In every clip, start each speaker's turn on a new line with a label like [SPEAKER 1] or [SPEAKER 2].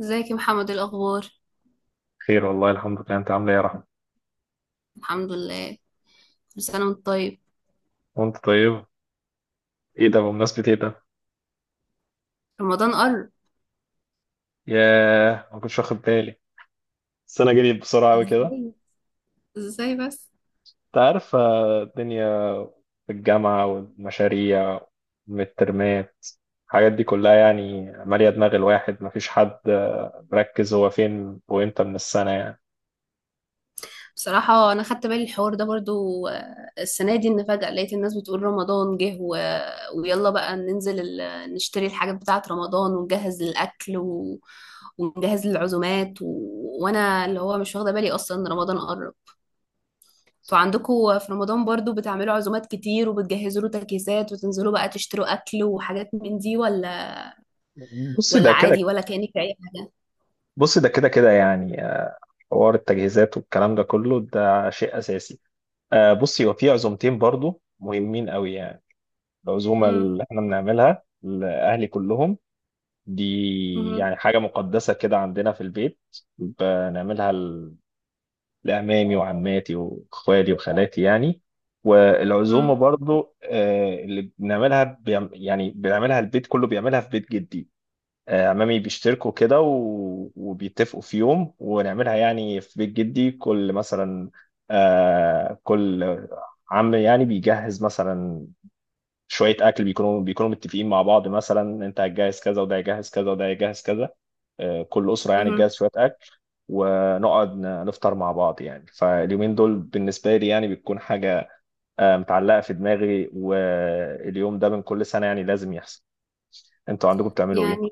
[SPEAKER 1] ازيك يا محمد، إيه الاخبار؟
[SPEAKER 2] خير والله، الحمد لله. انت عامل ايه يا رحمة؟
[SPEAKER 1] الحمد لله. كل سنه وانت طيب.
[SPEAKER 2] وانت طيب. ايه ده؟ بمناسبة ايه ده؟
[SPEAKER 1] رمضان قرب.
[SPEAKER 2] ياه، ما كنتش واخد بالي. السنة جريت بسرعة قوي كده.
[SPEAKER 1] ازاي؟ ازاي بس؟
[SPEAKER 2] انت عارف الدنيا، في الجامعة والمشاريع والترمات، الحاجات دي كلها يعني مالية دماغ الواحد، مفيش حد مركز هو فين وامتى من السنة يعني.
[SPEAKER 1] بصراحه انا خدت بالي الحوار ده برضو، السنه دي ان فجاه لقيت الناس بتقول رمضان جه ويلا بقى ننزل نشتري الحاجات بتاعه رمضان ونجهز للاكل ونجهز للعزومات وانا اللي هو مش واخده بالي اصلا ان رمضان قرب. انتوا عندكم في رمضان برضو بتعملوا عزومات كتير وبتجهزوا له تجهيزات وتنزلوا بقى تشتروا اكل وحاجات من دي، ولا
[SPEAKER 2] بص ده
[SPEAKER 1] ولا
[SPEAKER 2] كده
[SPEAKER 1] عادي، ولا كأنك في أي حاجة؟
[SPEAKER 2] بص، ده كده يعني. حوار التجهيزات والكلام ده كله، ده شيء أساسي. بصي، هو في عزومتين برضو مهمين قوي يعني. العزومة
[SPEAKER 1] امم.
[SPEAKER 2] اللي احنا بنعملها لأهلي كلهم دي
[SPEAKER 1] امم.
[SPEAKER 2] يعني حاجة مقدسة كده عندنا في البيت، بنعملها لأمامي وعماتي وإخوالي وخالاتي يعني. والعزومة
[SPEAKER 1] امم.
[SPEAKER 2] برضو اللي بنعملها يعني بنعملها البيت كله، بيعملها في بيت جدي. عمامي بيشتركوا كده وبيتفقوا في يوم ونعملها، يعني في بيت جدي، كل مثلا كل عم يعني بيجهز مثلا شويه اكل، بيكونوا متفقين مع بعض، مثلا انت هتجهز كذا وده هيجهز كذا وده هيجهز كذا. كل اسره يعني
[SPEAKER 1] امم.
[SPEAKER 2] تجهز شويه اكل، ونقعد نفطر مع بعض. يعني فاليومين دول بالنسبه لي يعني بتكون حاجه متعلقه في دماغي، واليوم ده من كل سنه يعني لازم يحصل. انتوا عندكم بتعملوا ايه؟
[SPEAKER 1] يعني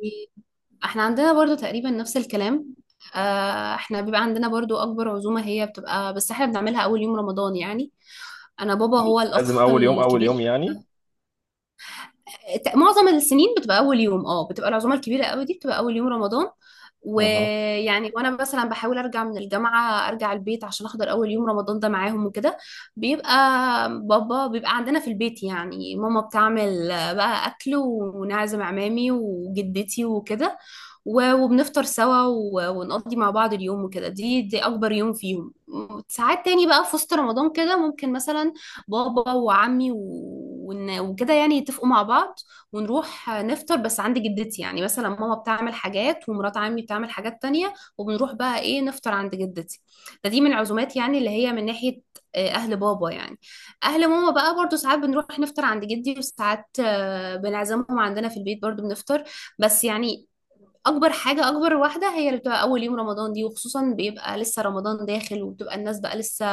[SPEAKER 1] احنا عندنا برضو تقريبا نفس الكلام. احنا بيبقى عندنا برضو أكبر عزومة هي بتبقى، بس احنا بنعملها أول يوم رمضان يعني. أنا بابا هو
[SPEAKER 2] لازم
[SPEAKER 1] الأخ
[SPEAKER 2] اول يوم، اول يوم
[SPEAKER 1] الكبير.
[SPEAKER 2] يعني.
[SPEAKER 1] معظم السنين بتبقى اول يوم، اه بتبقى العزومه الكبيره قوي دي، بتبقى اول يوم رمضان.
[SPEAKER 2] اها.
[SPEAKER 1] ويعني وانا مثلا بحاول ارجع من الجامعه، ارجع البيت عشان احضر اول يوم رمضان ده معاهم وكده. بيبقى بابا بيبقى عندنا في البيت، يعني ماما بتعمل بقى اكل ونعزم عمامي وجدتي وكده. وبنفطر سوا ونقضي مع بعض اليوم وكده. دي اكبر يوم فيهم. ساعات تاني بقى في وسط رمضان كده ممكن مثلا بابا وعمي وكده يعني يتفقوا مع بعض ونروح نفطر بس عند جدتي، يعني مثلا ماما بتعمل حاجات ومرات عمي بتعمل حاجات تانية وبنروح بقى ايه نفطر عند جدتي. ده دي من العزومات يعني اللي هي من ناحية اهل بابا يعني. اهل ماما بقى برضو ساعات بنروح نفطر عند جدي، وساعات بنعزمهم عندنا في البيت برضو بنفطر. بس يعني اكبر حاجه، اكبر واحده هي اللي بتبقى اول يوم رمضان دي، وخصوصا بيبقى لسه رمضان داخل وبتبقى الناس بقى لسه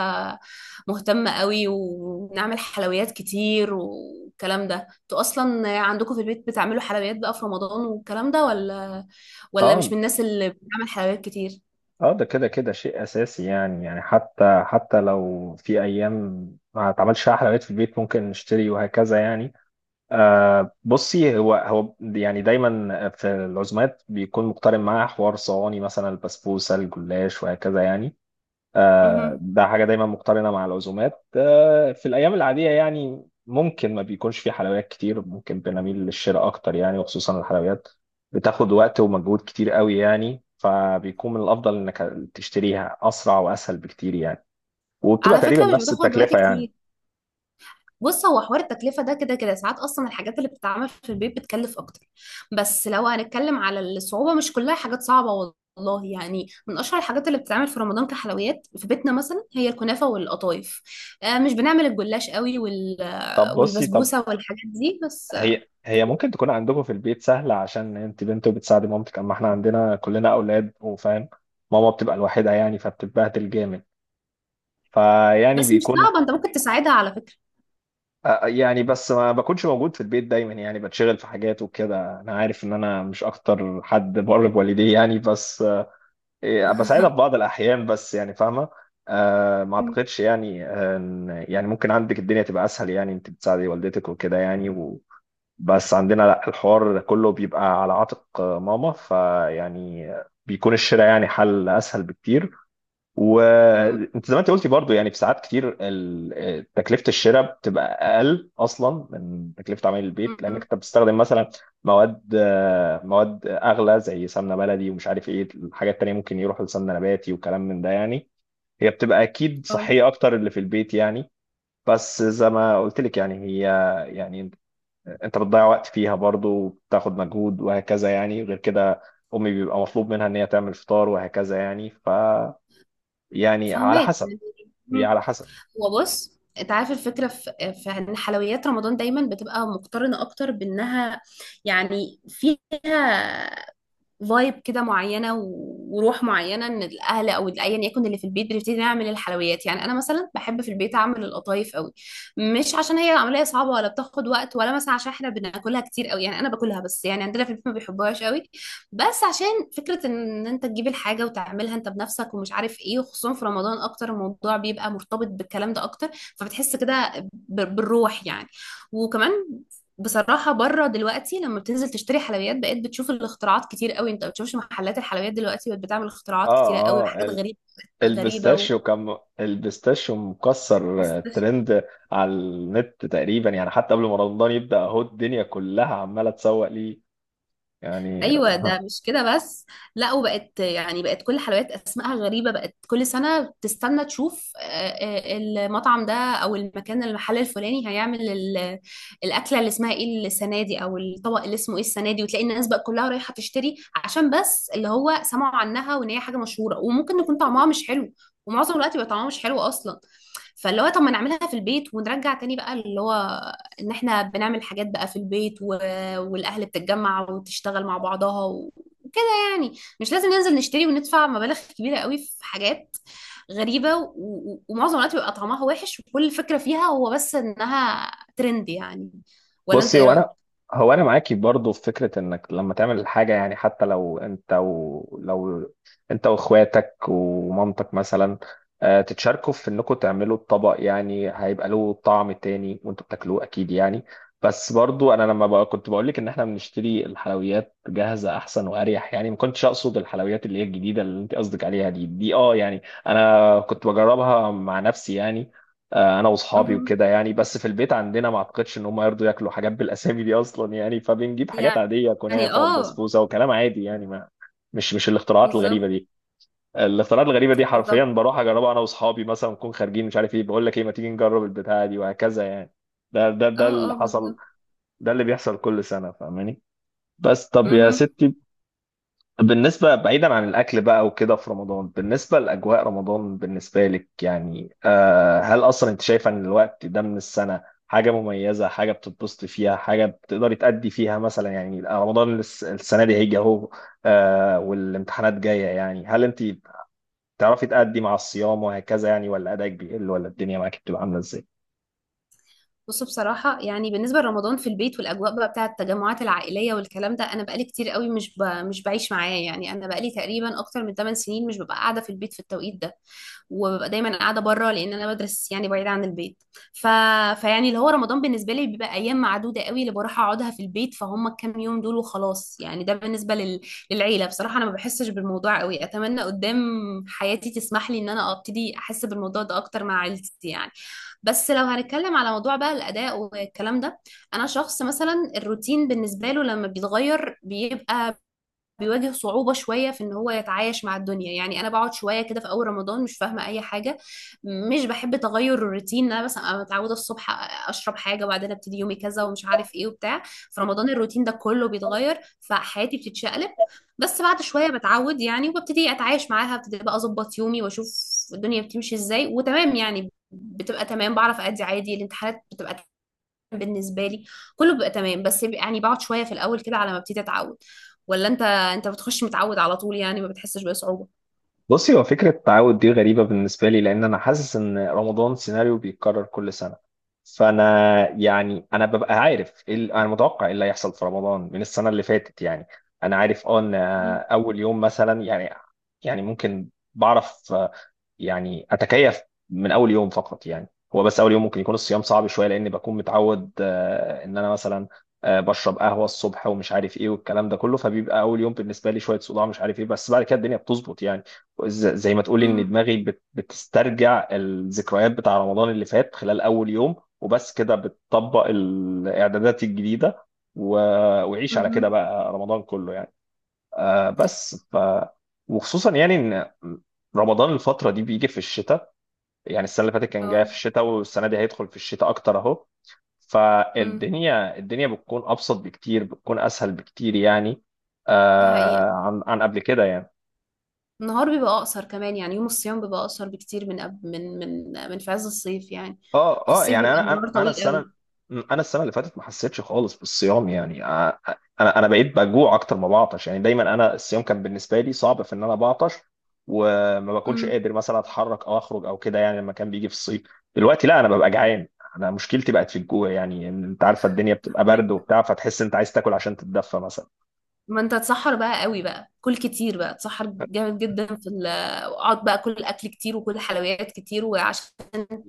[SPEAKER 1] مهتمه قوي، ونعمل حلويات كتير والكلام ده. انتوا اصلا عندكم في البيت بتعملوا حلويات بقى في رمضان والكلام ده، ولا مش
[SPEAKER 2] اه.
[SPEAKER 1] من الناس اللي بتعمل حلويات كتير؟
[SPEAKER 2] اه، ده كده كده شيء اساسي يعني. يعني حتى لو في ايام ما اتعملش فيها حلويات في البيت ممكن نشتري وهكذا يعني. آه، بصي، هو يعني دايما في العزومات بيكون مقترن معاه حوار صواني، مثلا البسبوسه، الجلاش وهكذا يعني. آه،
[SPEAKER 1] مهم.
[SPEAKER 2] ده حاجه دايما مقترنه مع العزومات. آه، في الايام العاديه يعني ممكن ما بيكونش في حلويات كتير، ممكن بنميل للشراء اكتر يعني، وخصوصا الحلويات بتاخد وقت ومجهود كتير قوي يعني، فبيكون من الافضل انك تشتريها، اسرع واسهل بكتير يعني. وبتبقى
[SPEAKER 1] على
[SPEAKER 2] تقريبا
[SPEAKER 1] فكره مش
[SPEAKER 2] نفس
[SPEAKER 1] بتاخد وقت
[SPEAKER 2] التكلفه يعني.
[SPEAKER 1] كتير. بص هو حوار التكلفة ده كده كده، ساعات أصلا الحاجات اللي بتتعمل في البيت بتكلف أكتر. بس لو هنتكلم على الصعوبة، مش كلها حاجات صعبة والله يعني. من أشهر الحاجات اللي بتتعمل في رمضان كحلويات في بيتنا مثلا هي الكنافة والقطايف. آه مش بنعمل الجلاش قوي
[SPEAKER 2] طب بصي،
[SPEAKER 1] والبسبوسة والحاجات دي بس.
[SPEAKER 2] هي ممكن تكون عندكم في البيت سهلة عشان انت بنت وبتساعدي مامتك، اما احنا عندنا كلنا اولاد وفاهم، ماما بتبقى الوحيدة يعني فبتتبهدل جامد. فيعني
[SPEAKER 1] بس مش
[SPEAKER 2] بيكون
[SPEAKER 1] صعبة، أنت ممكن تساعدها على فكرة.
[SPEAKER 2] يعني بس ما بكونش موجود في البيت دايما يعني، بتشغل في حاجات وكده، انا عارف ان انا مش اكتر حد بر بوالديه يعني، بس بساعدها في بعض الاحيان بس يعني، فاهمة. أه، ما
[SPEAKER 1] م-
[SPEAKER 2] اعتقدش يعني يعني ممكن عندك الدنيا تبقى اسهل يعني انت بتساعدي والدتك وكده يعني، بس عندنا لا، الحوار كله بيبقى على عاتق ماما، فيعني بيكون الشراء يعني حل اسهل بكتير.
[SPEAKER 1] م-
[SPEAKER 2] وانت زي ما انت قلتي برضو يعني، في ساعات كتير تكلفه الشراء بتبقى اقل اصلا من تكلفه عمل البيت،
[SPEAKER 1] م-
[SPEAKER 2] لانك انت بتستخدم مثلا مواد مواد اغلى زي سمنه بلدي، ومش عارف ايه الحاجات التانيه، ممكن يروح لسمنه نباتي وكلام من ده يعني. هي بتبقى اكيد
[SPEAKER 1] اه،
[SPEAKER 2] صحيه اكتر اللي في البيت يعني، بس زي ما قلت لك يعني هي يعني انت بتضيع وقت فيها برضو وبتاخد مجهود وهكذا يعني، غير كده امي بيبقى مطلوب منها ان هي تعمل فطار وهكذا يعني، ف يعني على
[SPEAKER 1] فهماك
[SPEAKER 2] حسب.
[SPEAKER 1] يعني.
[SPEAKER 2] هي
[SPEAKER 1] م-
[SPEAKER 2] على حسب.
[SPEAKER 1] هو بص انت عارف الفكره في ان حلويات رمضان دايما بتبقى مقترنه اكتر بانها يعني فيها فايب كده معينه و- وروح معينه، ان الاهل او ايا يكن اللي في البيت بنبتدي نعمل الحلويات يعني. انا مثلا بحب في البيت اعمل القطايف قوي، مش عشان هي عمليه صعبه ولا بتاخد وقت ولا مثلا عشان احنا بناكلها كتير قوي يعني. انا باكلها بس، يعني عندنا في البيت ما بيحبوهاش قوي. بس عشان فكره ان انت تجيب الحاجه وتعملها انت بنفسك ومش عارف ايه، وخصوصا في رمضان اكتر الموضوع بيبقى مرتبط بالكلام ده اكتر، فبتحس كده بالروح يعني. وكمان بصراحة بره دلوقتي لما بتنزل تشتري حلويات بقيت بتشوف الاختراعات كتير قوي. انت ما بتشوفش محلات الحلويات دلوقتي بقت بتعمل اختراعات
[SPEAKER 2] اه،
[SPEAKER 1] كتيرة قوي
[SPEAKER 2] اه،
[SPEAKER 1] وحاجات غريبة، غريبة
[SPEAKER 2] البيستاشيو، كان البيستاشيو مكسر
[SPEAKER 1] بس-
[SPEAKER 2] ترند على النت تقريبا يعني، حتى قبل ما رمضان يبدأ اهو الدنيا كلها عمالة تسوق ليه يعني.
[SPEAKER 1] ايوه ده مش كده بس. لا، وبقت يعني، بقت كل حلويات اسمائها غريبه، بقت كل سنه بتستنى تشوف المطعم ده او المكان، المحل الفلاني هيعمل الاكله اللي اسمها ايه السنه دي او الطبق اللي اسمه ايه السنه دي، وتلاقي الناس بقى كلها رايحه تشتري عشان بس اللي هو سمعوا عنها وان هي حاجه مشهوره، وممكن يكون طعمها مش حلو. ومعظم الوقت بيبقى طعمها مش حلو اصلا. فاللي هو طب ما نعملها في البيت ونرجع تاني بقى، اللي هو ان احنا بنعمل حاجات بقى في البيت والاهل بتتجمع وتشتغل مع بعضها وكده يعني. مش لازم ننزل نشتري وندفع مبالغ كبيره قوي في حاجات غريبه ومعظم الوقت بيبقى طعمها وحش، وكل فكره فيها هو بس انها ترند يعني. ولا انت
[SPEAKER 2] بصي،
[SPEAKER 1] ايه رايك؟
[SPEAKER 2] هو انا معاكي برضه في فكره انك لما تعمل حاجه يعني، حتى لو انت و... لو انت واخواتك ومامتك مثلا تتشاركوا في انكم تعملوا الطبق، يعني هيبقى له طعم تاني وانتوا بتاكلوه اكيد يعني. بس برضه انا لما بقى كنت بقول لك ان احنا بنشتري الحلويات جاهزه احسن واريح يعني، ما كنتش اقصد الحلويات اللي هي الجديده اللي انت قصدك عليها دي اه يعني، انا كنت بجربها مع نفسي يعني. انا واصحابي
[SPEAKER 1] مهم.
[SPEAKER 2] وكده يعني، بس في البيت عندنا ما اعتقدش ان هم يرضوا ياكلوا حاجات بالاسامي دي اصلا يعني، فبنجيب حاجات عاديه
[SPEAKER 1] يعني
[SPEAKER 2] كنافه
[SPEAKER 1] اه،
[SPEAKER 2] وبسبوسه وكلام عادي يعني، ما مش الاختراعات
[SPEAKER 1] بالظبط.
[SPEAKER 2] الغريبه دي. الاختراعات الغريبه دي حرفيا
[SPEAKER 1] بالظبط.
[SPEAKER 2] بروح اجربها انا واصحابي، مثلا نكون خارجين مش عارف ايه بقول لك ايه، ما تيجي نجرب البتاعه دي وهكذا يعني. ده
[SPEAKER 1] اه
[SPEAKER 2] اللي
[SPEAKER 1] اه
[SPEAKER 2] حصل.
[SPEAKER 1] بالظبط.
[SPEAKER 2] ده اللي بيحصل كل سنه، فاهماني. بس طب يا
[SPEAKER 1] مهم.
[SPEAKER 2] ستي، بالنسبة بعيدا عن الأكل بقى وكده في رمضان، بالنسبة لأجواء رمضان بالنسبة لك يعني هل أصلا أنت شايفة إن الوقت ده من السنة حاجة مميزة، حاجة بتتبسطي فيها، حاجة بتقدري تأدي فيها مثلا؟ يعني رمضان السنة دي هيجي أهو، والامتحانات جاية يعني، هل أنت بتعرفي تأدي مع الصيام وهكذا يعني، ولا أدائك بيقل، ولا الدنيا معاك بتبقى عاملة إزاي؟
[SPEAKER 1] بص بصراحة يعني بالنسبة لرمضان في البيت والأجواء بقى بتاعة التجمعات العائلية والكلام ده، أنا بقالي كتير قوي مش مش بعيش معاه يعني. أنا بقالي تقريبا أكتر من 8 سنين مش ببقى قاعدة في البيت في التوقيت ده، وببقى دايما قاعده بره لان انا بدرس يعني بعيد عن البيت. ف... فيعني اللي هو رمضان بالنسبه لي بيبقى ايام معدوده قوي اللي بروح اقعدها في البيت، فهم الكام يوم دول وخلاص يعني. ده بالنسبه للعيله. بصراحه انا ما بحسش بالموضوع قوي، اتمنى قدام حياتي تسمح لي ان انا ابتدي احس بالموضوع ده اكتر مع عيلتي يعني. بس لو هنتكلم على موضوع بقى الاداء والكلام ده: انا شخص مثلا الروتين بالنسبه له لما بيتغير بيبقى بيواجه صعوبة شوية في ان هو يتعايش مع الدنيا يعني. انا بقعد شوية كده في اول رمضان مش فاهمة اي حاجة، مش بحب تغير الروتين. انا بس أنا متعودة الصبح اشرب حاجة وبعدين ابتدي يومي كذا ومش عارف ايه وبتاع. في رمضان الروتين ده كله بيتغير فحياتي بتتشقلب. بس بعد شوية بتعود يعني وببتدي اتعايش معاها، ابتدي بقى اظبط يومي واشوف الدنيا بتمشي ازاي وتمام يعني. بتبقى تمام، بعرف ادي عادي، الامتحانات بتبقى بالنسبه لي كله بيبقى تمام. يعني بقعد شويه في الاول كده على ما ابتدي اتعود. ولا انت بتخش متعود على طول يعني ما بتحسش بصعوبه؟
[SPEAKER 2] بصي، هو فكرة التعود دي غريبة بالنسبة لي، لأن أنا حاسس إن رمضان سيناريو بيتكرر كل سنة. فأنا يعني أنا ببقى عارف إيه أنا متوقع إيه اللي هيحصل في رمضان من السنة اللي فاتت يعني. أنا عارف أه إن
[SPEAKER 1] مم.
[SPEAKER 2] أول يوم مثلا يعني، يعني ممكن بعرف يعني اتكيف من اول يوم فقط يعني. هو بس اول يوم ممكن يكون الصيام صعب شويه، لان بكون متعود ان انا مثلا بشرب قهوه الصبح ومش عارف ايه والكلام ده كله، فبيبقى اول يوم بالنسبه لي شويه صداع مش عارف ايه، بس بعد كده الدنيا بتظبط يعني. زي ما تقولي ان
[SPEAKER 1] مم.
[SPEAKER 2] دماغي بتسترجع الذكريات بتاع رمضان اللي فات خلال اول يوم، وبس كده بتطبق الاعدادات الجديده. و- وعيش على كده
[SPEAKER 1] مم.
[SPEAKER 2] بقى رمضان كله يعني. آه بس وخصوصا يعني ان رمضان الفترة دي بيجي في الشتاء، يعني السنة اللي فاتت كان جاي
[SPEAKER 1] اه.
[SPEAKER 2] في الشتاء، والسنة دي هيدخل في الشتاء أكتر أهو،
[SPEAKER 1] امم.
[SPEAKER 2] فالدنيا بتكون أبسط بكتير، بتكون أسهل بكتير يعني،
[SPEAKER 1] دي حقيقه.
[SPEAKER 2] آه عن قبل كده يعني.
[SPEAKER 1] النهار بيبقى اقصر كمان يعني يوم الصيام بيبقى اقصر بكتير من أب... من من من في عز الصيف يعني.
[SPEAKER 2] اه،
[SPEAKER 1] في
[SPEAKER 2] اه،
[SPEAKER 1] الصيف
[SPEAKER 2] يعني
[SPEAKER 1] بيبقى النهار طويل قوي.
[SPEAKER 2] انا السنه اللي فاتت ما حسيتش خالص بالصيام يعني، انا بقيت بجوع اكتر ما بعطش يعني، دايما انا الصيام كان بالنسبه لي صعب في ان انا بعطش، وما بكونش
[SPEAKER 1] امم.
[SPEAKER 2] قادر مثلا اتحرك او اخرج او كده يعني لما كان بيجي في الصيف. دلوقتي لا، انا ببقى جعان. انا مشكلتي بقت في الجوع يعني، إن انت عارفه الدنيا بتبقى برد وبتاع، فتحس انت عايز تاكل عشان تتدفى مثلا.
[SPEAKER 1] ما انت تسحر بقى قوي، بقى كل كتير، بقى تسحر جامد جدا في اقعد بقى كل اكل كتير وكل حلويات كتير وعشان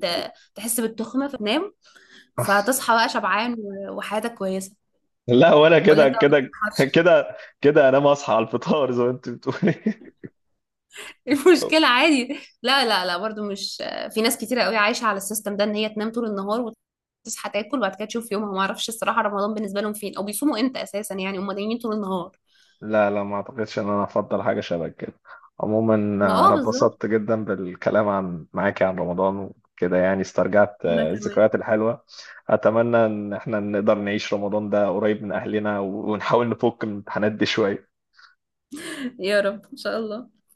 [SPEAKER 1] ت... تحس بالتخمه فتنام. فهتصحى بقى شبعان وحياتك كويسه.
[SPEAKER 2] لا، وانا
[SPEAKER 1] ولا
[SPEAKER 2] كده
[SPEAKER 1] انت ما
[SPEAKER 2] كده
[SPEAKER 1] بتسحرش؟
[SPEAKER 2] انا ما اصحى على الفطار زي ما انت بتقولي.
[SPEAKER 1] المشكله عادي. لا لا لا، برضو مش، في ناس كتيره قوي عايشه على السيستم ده ان هي تنام طول النهار وتصحى تاكل وبعد كده تشوف يومها، ما اعرفش الصراحه رمضان بالنسبه لهم فين او بيصوموا امتى اساسا يعني، هم نايمين طول النهار.
[SPEAKER 2] لا لا، ما اعتقدش ان انا افضل حاجه شبه كده. عموما
[SPEAKER 1] ما اه،
[SPEAKER 2] انا
[SPEAKER 1] بالظبط.
[SPEAKER 2] اتبسطت جدا بالكلام عن معاكي عن رمضان وكده يعني، استرجعت
[SPEAKER 1] انا كمان.
[SPEAKER 2] الذكريات الحلوه. اتمنى ان احنا نقدر نعيش رمضان ده قريب من اهلنا ونحاول نفك من الامتحانات دي شويه.
[SPEAKER 1] يا رب ان شاء الله.